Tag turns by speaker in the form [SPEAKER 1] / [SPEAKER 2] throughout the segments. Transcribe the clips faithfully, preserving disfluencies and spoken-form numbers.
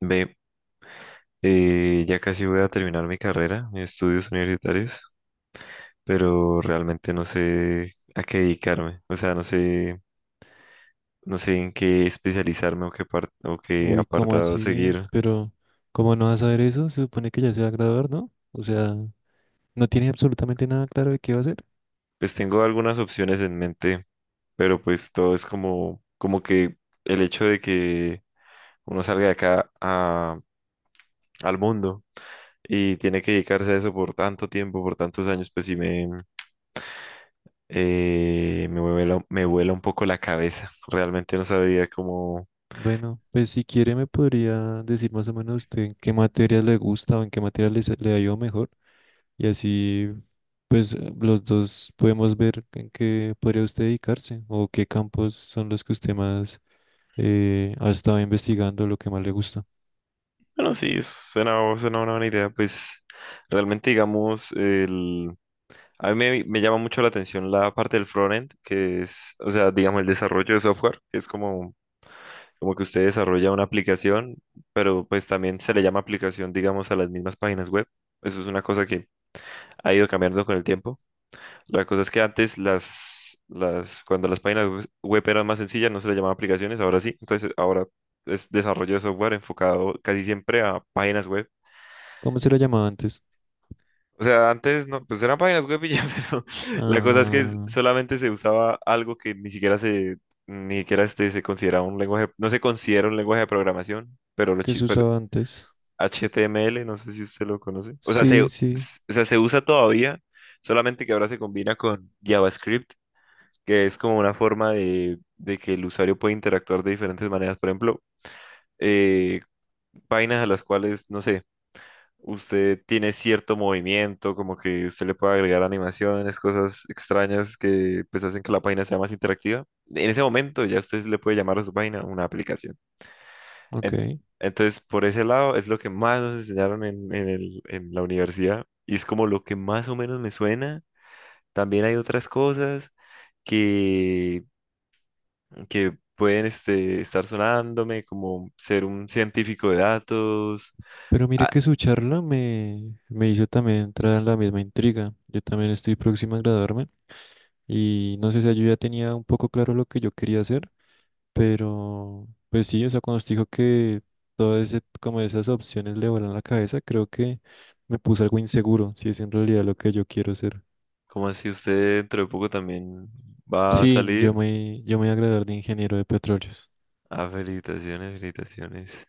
[SPEAKER 1] Ve, eh, ya casi voy a terminar mi carrera, mis estudios universitarios, pero realmente no sé a qué dedicarme. O sea, no sé, no sé en qué especializarme o qué par- o qué
[SPEAKER 2] Uy, ¿cómo
[SPEAKER 1] apartado
[SPEAKER 2] así?
[SPEAKER 1] seguir.
[SPEAKER 2] Pero, ¿cómo no vas a ver eso? Se supone que ya se va a graduar, ¿no? O sea, no tiene absolutamente nada claro de qué va a hacer.
[SPEAKER 1] Pues tengo algunas opciones en mente, pero pues todo es como, como que el hecho de que uno salga de acá a- al mundo y tiene que dedicarse a eso por tanto tiempo, por tantos años, pues sí. Eh, me vuela, me vuela un poco la cabeza. Realmente no sabría cómo.
[SPEAKER 2] Bueno, pues si quiere me podría decir más o menos usted en qué materias le gusta o en qué materias le, se- le ha ido mejor. Y así, pues eh, los dos podemos ver en qué podría usted dedicarse o qué campos son los que usted más eh, ha estado investigando, lo que más le gusta.
[SPEAKER 1] Bueno, sí, suena, suena una buena idea. Pues realmente, digamos, el... a mí me, me llama mucho la atención la parte del frontend, que es, o sea, digamos, el desarrollo de software, que es como, como que usted desarrolla una aplicación, pero pues también se le llama aplicación, digamos, a las mismas páginas web. Eso es una cosa que ha ido cambiando con el tiempo. La cosa es que antes las, las, cuando las páginas web web eran más sencillas, no se les llamaba aplicaciones, ahora sí. Entonces ahora es desarrollo de software enfocado casi siempre a páginas web.
[SPEAKER 2] ¿Cómo se le llamaba antes?
[SPEAKER 1] O sea, antes no, pues eran páginas web y ya, pero la cosa es que es-
[SPEAKER 2] Ah,
[SPEAKER 1] solamente se usaba algo que ni siquiera se, ni siquiera este, se considera un lenguaje, no se considera un lenguaje de programación, pero, lo,
[SPEAKER 2] ¿qué
[SPEAKER 1] chi-
[SPEAKER 2] se
[SPEAKER 1] pero
[SPEAKER 2] usaba antes?
[SPEAKER 1] H T M L, no sé si usted lo conoce. O sea, se,
[SPEAKER 2] Sí, sí,
[SPEAKER 1] s- o sea, se usa todavía, solamente que ahora se combina con JavaScript, que es como una forma de, de que el usuario puede interactuar de diferentes maneras. Por ejemplo, eh, vainas a las cuales, no sé, usted tiene cierto movimiento, como que usted le puede agregar animaciones, cosas extrañas que pues hacen que la página sea más interactiva. En ese momento ya usted le puede llamar a su página una aplicación.
[SPEAKER 2] ok.
[SPEAKER 1] En- entonces, por ese lado es lo que más nos enseñaron en, en el- en la universidad, y es como lo que más o menos me suena. También hay otras cosas que que pueden este, estar sonándome, como ser un científico de datos.
[SPEAKER 2] Pero mire
[SPEAKER 1] Ah,
[SPEAKER 2] que su charla me, me hizo también entrar en la misma intriga. Yo también estoy próxima a graduarme y no sé si yo ya tenía un poco claro lo que yo quería hacer, pero pues sí, o sea, cuando usted dijo que todas ese, como esas opciones le volaron la cabeza, creo que me puse algo inseguro, si es en realidad lo que yo quiero hacer.
[SPEAKER 1] ¿como así? Usted dentro de poco también va a
[SPEAKER 2] Sí, yo
[SPEAKER 1] salir.
[SPEAKER 2] me, yo me voy a graduar de ingeniero de petróleos.
[SPEAKER 1] Ah, felicitaciones, felicitaciones.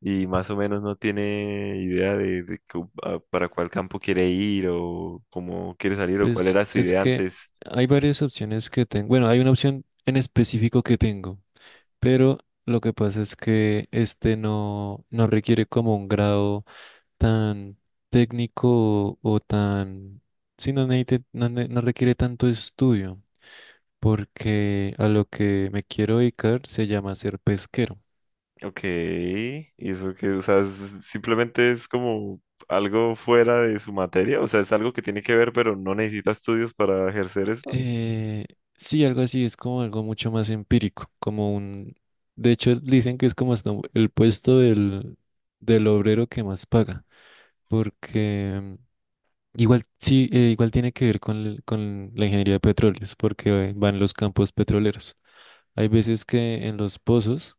[SPEAKER 1] Y más o menos no tiene idea de, de cu- a- para cuál campo quiere ir o cómo quiere salir o cuál
[SPEAKER 2] Pues
[SPEAKER 1] era su
[SPEAKER 2] es
[SPEAKER 1] idea
[SPEAKER 2] que
[SPEAKER 1] antes.
[SPEAKER 2] hay varias opciones que tengo. Bueno, hay una opción en específico que tengo. Pero lo que pasa es que este no, no requiere como un grado tan técnico o, o tan... Sí, no, necesite- no, ne- no requiere tanto estudio, porque a lo que me quiero dedicar se llama ser pesquero.
[SPEAKER 1] Ok, y eso que, o sea, es- simplemente es como algo fuera de su materia, o sea, es algo que tiene que ver, pero no necesita estudios para ejercer eso.
[SPEAKER 2] Eh, sí, algo así, es como algo mucho más empírico, como un... De hecho, dicen que es como hasta el puesto del, del obrero que más paga, porque... Igual sí, eh, igual tiene que ver con, el- con la ingeniería de petróleos, porque eh, van los campos petroleros. Hay veces que en los pozos,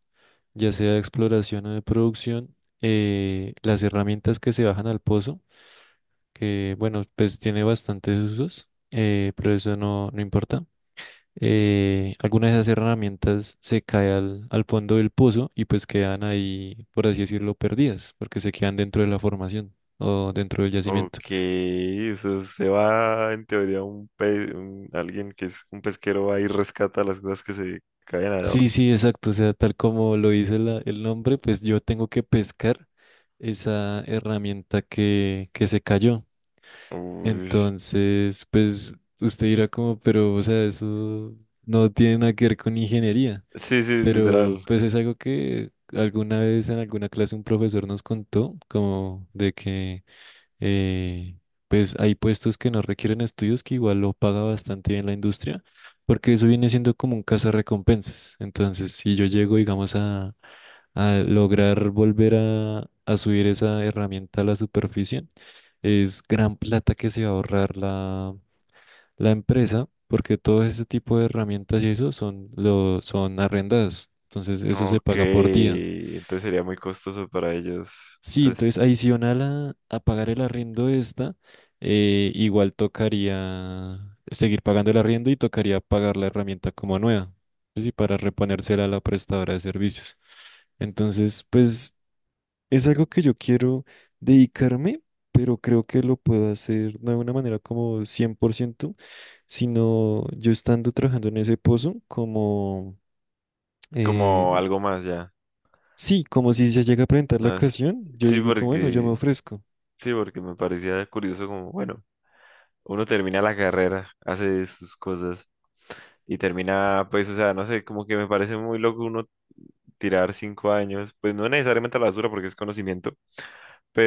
[SPEAKER 2] ya sea de exploración o de producción, eh, las herramientas que se bajan al pozo, que bueno, pues tiene bastantes usos, eh, pero eso no, no importa. Eh, algunas de esas herramientas se caen al, al fondo del pozo y pues quedan ahí, por así decirlo, perdidas, porque se quedan dentro de la formación o dentro del
[SPEAKER 1] Ok,
[SPEAKER 2] yacimiento.
[SPEAKER 1] o sea, usted va en teoría un, pe- un- alguien que es un pesquero va y rescata las cosas que se caen allá.
[SPEAKER 2] Sí, sí, exacto. O sea, tal como lo dice la- el nombre, pues yo tengo que pescar esa herramienta que, que se cayó.
[SPEAKER 1] Uy.
[SPEAKER 2] Entonces, pues usted dirá como, pero, o sea, eso no tiene nada que ver con ingeniería.
[SPEAKER 1] Sí, sí, literal.
[SPEAKER 2] Pero, pues es algo que alguna vez en alguna clase un profesor nos contó, como de que eh, pues hay puestos que no requieren estudios que igual lo paga bastante bien la industria, porque eso viene siendo como un cazarrecompensas. Entonces, si yo llego, digamos, a, a lograr volver a, a subir esa herramienta a la superficie, es gran plata que se va a ahorrar la, la empresa, porque todo ese tipo de herramientas y eso son, lo, son arrendadas. Entonces, eso se
[SPEAKER 1] Ok,
[SPEAKER 2] paga por día.
[SPEAKER 1] entonces sería muy costoso para ellos.
[SPEAKER 2] Sí,
[SPEAKER 1] Entonces,
[SPEAKER 2] entonces adicional a, a pagar el arriendo de esta, eh, igual tocaría seguir pagando el arriendo y tocaría pagar la herramienta como nueva, ¿sí? Para reponérsela a la prestadora de servicios. Entonces, pues es algo que yo quiero dedicarme, pero creo que lo puedo hacer no de una manera como cien por ciento, sino yo estando trabajando en ese pozo, como, eh,
[SPEAKER 1] como algo más ya.
[SPEAKER 2] sí, como si se llega a presentar la
[SPEAKER 1] No es-
[SPEAKER 2] ocasión, yo
[SPEAKER 1] Sí,
[SPEAKER 2] digo como, bueno, yo me
[SPEAKER 1] porque
[SPEAKER 2] ofrezco.
[SPEAKER 1] sí, porque me parecía curioso como, bueno, uno termina la carrera, hace sus cosas y termina, pues, o sea, no sé, como que me parece muy loco uno tirar cinco años, pues no necesariamente a la basura porque es conocimiento,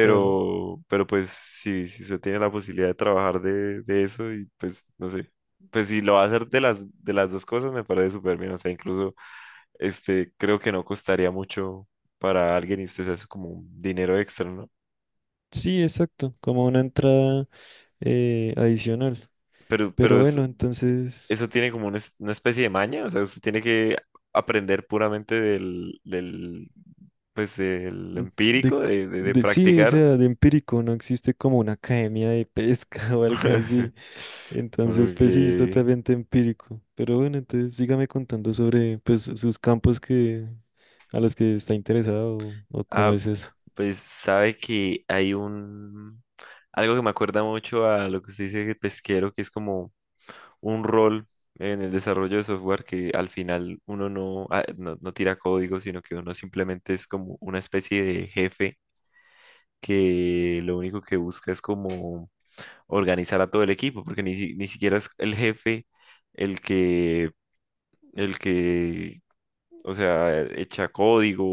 [SPEAKER 2] Claro.
[SPEAKER 1] pero pues si, si usted tiene la posibilidad de trabajar de, de eso, y pues no sé, pues si lo va a hacer de las, de las dos cosas me parece súper bien, o sea, incluso este, creo que no costaría mucho para alguien y usted se hace como un dinero extra, ¿no?
[SPEAKER 2] Sí, exacto, como una entrada eh, adicional.
[SPEAKER 1] Pero,
[SPEAKER 2] Pero
[SPEAKER 1] pero es-
[SPEAKER 2] bueno, entonces,
[SPEAKER 1] eso tiene como una, es- una especie de maña, o sea, usted tiene que aprender puramente del, del, pues del
[SPEAKER 2] mm, de, c-
[SPEAKER 1] empírico, de, de de
[SPEAKER 2] de- sí, o
[SPEAKER 1] practicar.
[SPEAKER 2] sea, de empírico no existe como una academia de pesca o algo así. Entonces, pues sí, es
[SPEAKER 1] Okay.
[SPEAKER 2] totalmente empírico. Pero bueno, entonces sígame contando sobre pues sus campos que a los que está interesado o, o cómo
[SPEAKER 1] Ah,
[SPEAKER 2] es eso.
[SPEAKER 1] pues sabe que hay un algo que me acuerda mucho a lo que usted dice de pesquero, que es como un rol en el desarrollo de software que al final uno no, ah, no, no tira código, sino que uno simplemente es como una especie de jefe, que lo único que busca es como organizar a todo el equipo, porque ni, si- ni siquiera es el jefe el que el que O sea, e-, echa código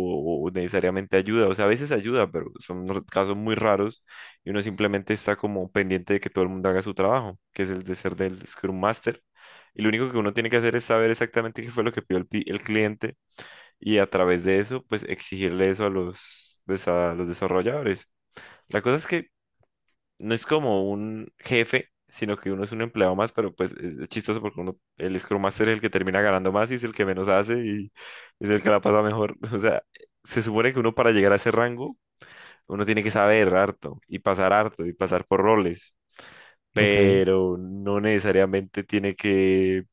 [SPEAKER 1] o necesariamente ayuda. O sea, a veces ayuda, pero son r- casos muy raros, y uno simplemente está como pendiente de que todo el mundo haga su trabajo, que es el de ser del Scrum Master. Y lo único que uno tiene que hacer es saber exactamente qué fue lo que pidió el, pi- el cliente, y a través de eso, pues exigirle eso a los, pues, a los desarrolladores. La cosa es que no es como un jefe, sino que uno es un empleado más, pero pues es, es chistoso, porque uno, el Scrum Master es el que termina ganando más y es el que menos hace y es el que la pasa mejor. O sea, se supone que uno para llegar a ese rango, uno tiene que saber harto y pasar harto y pasar por roles.
[SPEAKER 2] Ok.
[SPEAKER 1] Pero no necesariamente tiene que,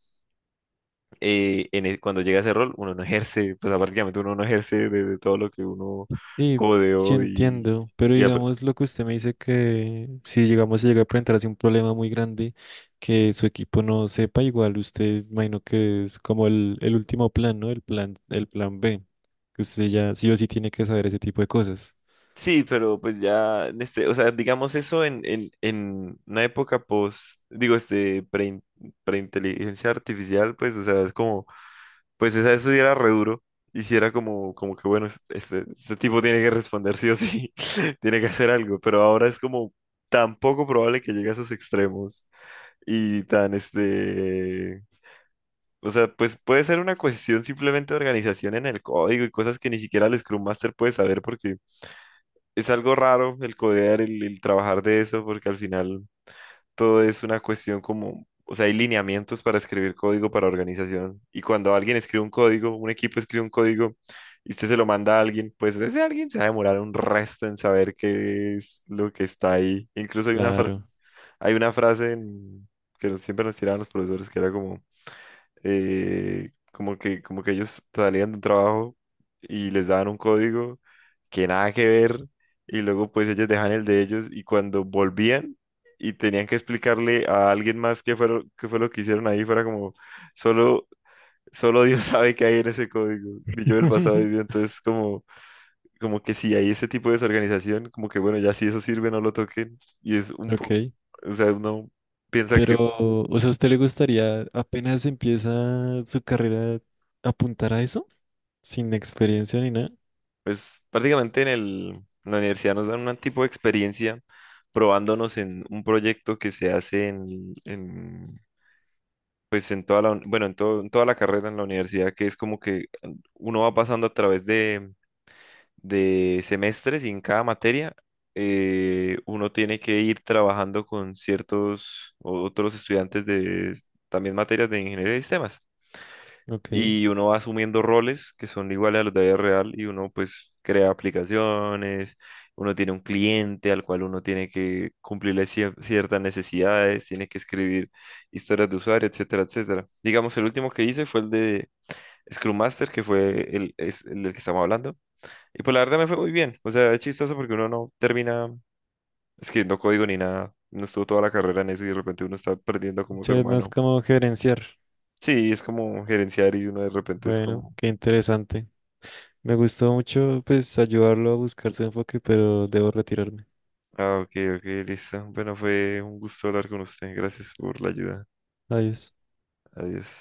[SPEAKER 1] eh, en e- cuando llega a ese rol, uno no ejerce, pues prácticamente uno no ejerce de, de todo lo que uno
[SPEAKER 2] Sí, sí
[SPEAKER 1] codeó y,
[SPEAKER 2] entiendo, pero digamos lo que usted me dice que si llegamos a llegar a presentarse un problema muy grande que su equipo no sepa, igual usted imagino que es como el, el último plan, ¿no? El plan, el plan be, que usted ya sí o sí tiene que saber ese tipo de cosas.
[SPEAKER 1] sí, pero pues ya, en este, o sea, digamos eso en, en, en una época post, digo, este, pre, preinteligencia artificial, pues, o sea, es como, pues esa eso sí era re duro, y si era como, como que bueno, es- este, este tipo tiene que responder sí o sí, tiene que hacer algo, pero ahora es como tan poco probable que llegue a esos extremos, y tan, este, o sea, pues puede ser una cuestión simplemente de organización en el código y cosas que ni siquiera el Scrum Master puede saber, porque es algo raro el codear, el, el trabajar de eso, porque al final todo es una cuestión como, o sea, hay lineamientos para escribir código, para organización. Y cuando alguien escribe un código, un equipo escribe un código y usted se lo manda a alguien, pues ese alguien se va a demorar un resto en saber qué es lo que está ahí. Incluso hay una, fra-
[SPEAKER 2] Claro.
[SPEAKER 1] hay una frase en- que nos- siempre nos tiraban los profesores, que era como eh, como que, como que ellos salían de un trabajo y les daban un código que nada que ver, y luego pues ellos dejan el de ellos y cuando volvían y tenían que explicarle a alguien más qué fue, lo- qué fue lo que hicieron ahí, fuera como solo, solo Dios sabe qué hay en ese código, y yo del pasado, y entonces como, como que si hay ese tipo de desorganización, como que bueno, ya si eso sirve no lo toquen, y es un poco,
[SPEAKER 2] Ok,
[SPEAKER 1] o sea, uno piensa que.
[SPEAKER 2] pero o sea, ¿a usted le gustaría apenas empieza su carrera apuntar a eso? Sin experiencia ni nada.
[SPEAKER 1] Pues prácticamente en el, en la universidad nos dan un tipo de experiencia, probándonos en un proyecto que se hace en, en, pues en toda la, uni- bueno, en todo- en toda la carrera en la universidad, que es como que uno va pasando a través de, de semestres, y en cada materia eh, uno tiene que ir trabajando con ciertos o- otros estudiantes de también materias de ingeniería de sistemas,
[SPEAKER 2] Ok.
[SPEAKER 1] y uno va asumiendo roles que son iguales a los de la vida real y uno pues crea aplicaciones, uno tiene un cliente al cual uno tiene que cumplirle cier- ciertas necesidades, tiene que escribir historias de usuario, etcétera, etcétera. Digamos, el último que hice fue el de Scrum Master, que fue el, es el del que estamos hablando. Y pues la verdad me fue muy bien. O sea, es chistoso porque uno no termina escribiendo código ni nada. No estuvo toda la carrera en eso y de repente uno está perdiendo como ser
[SPEAKER 2] Muchas más
[SPEAKER 1] humano.
[SPEAKER 2] como gerenciar.
[SPEAKER 1] Sí, es como gerenciar y uno de repente es
[SPEAKER 2] Bueno,
[SPEAKER 1] como.
[SPEAKER 2] qué interesante. Me gustó mucho, pues, ayudarlo a buscar su enfoque, pero debo retirarme.
[SPEAKER 1] Ah, ok, ok, listo. Bueno, fue un gusto hablar con usted. Gracias por la ayuda.
[SPEAKER 2] Adiós.
[SPEAKER 1] Adiós.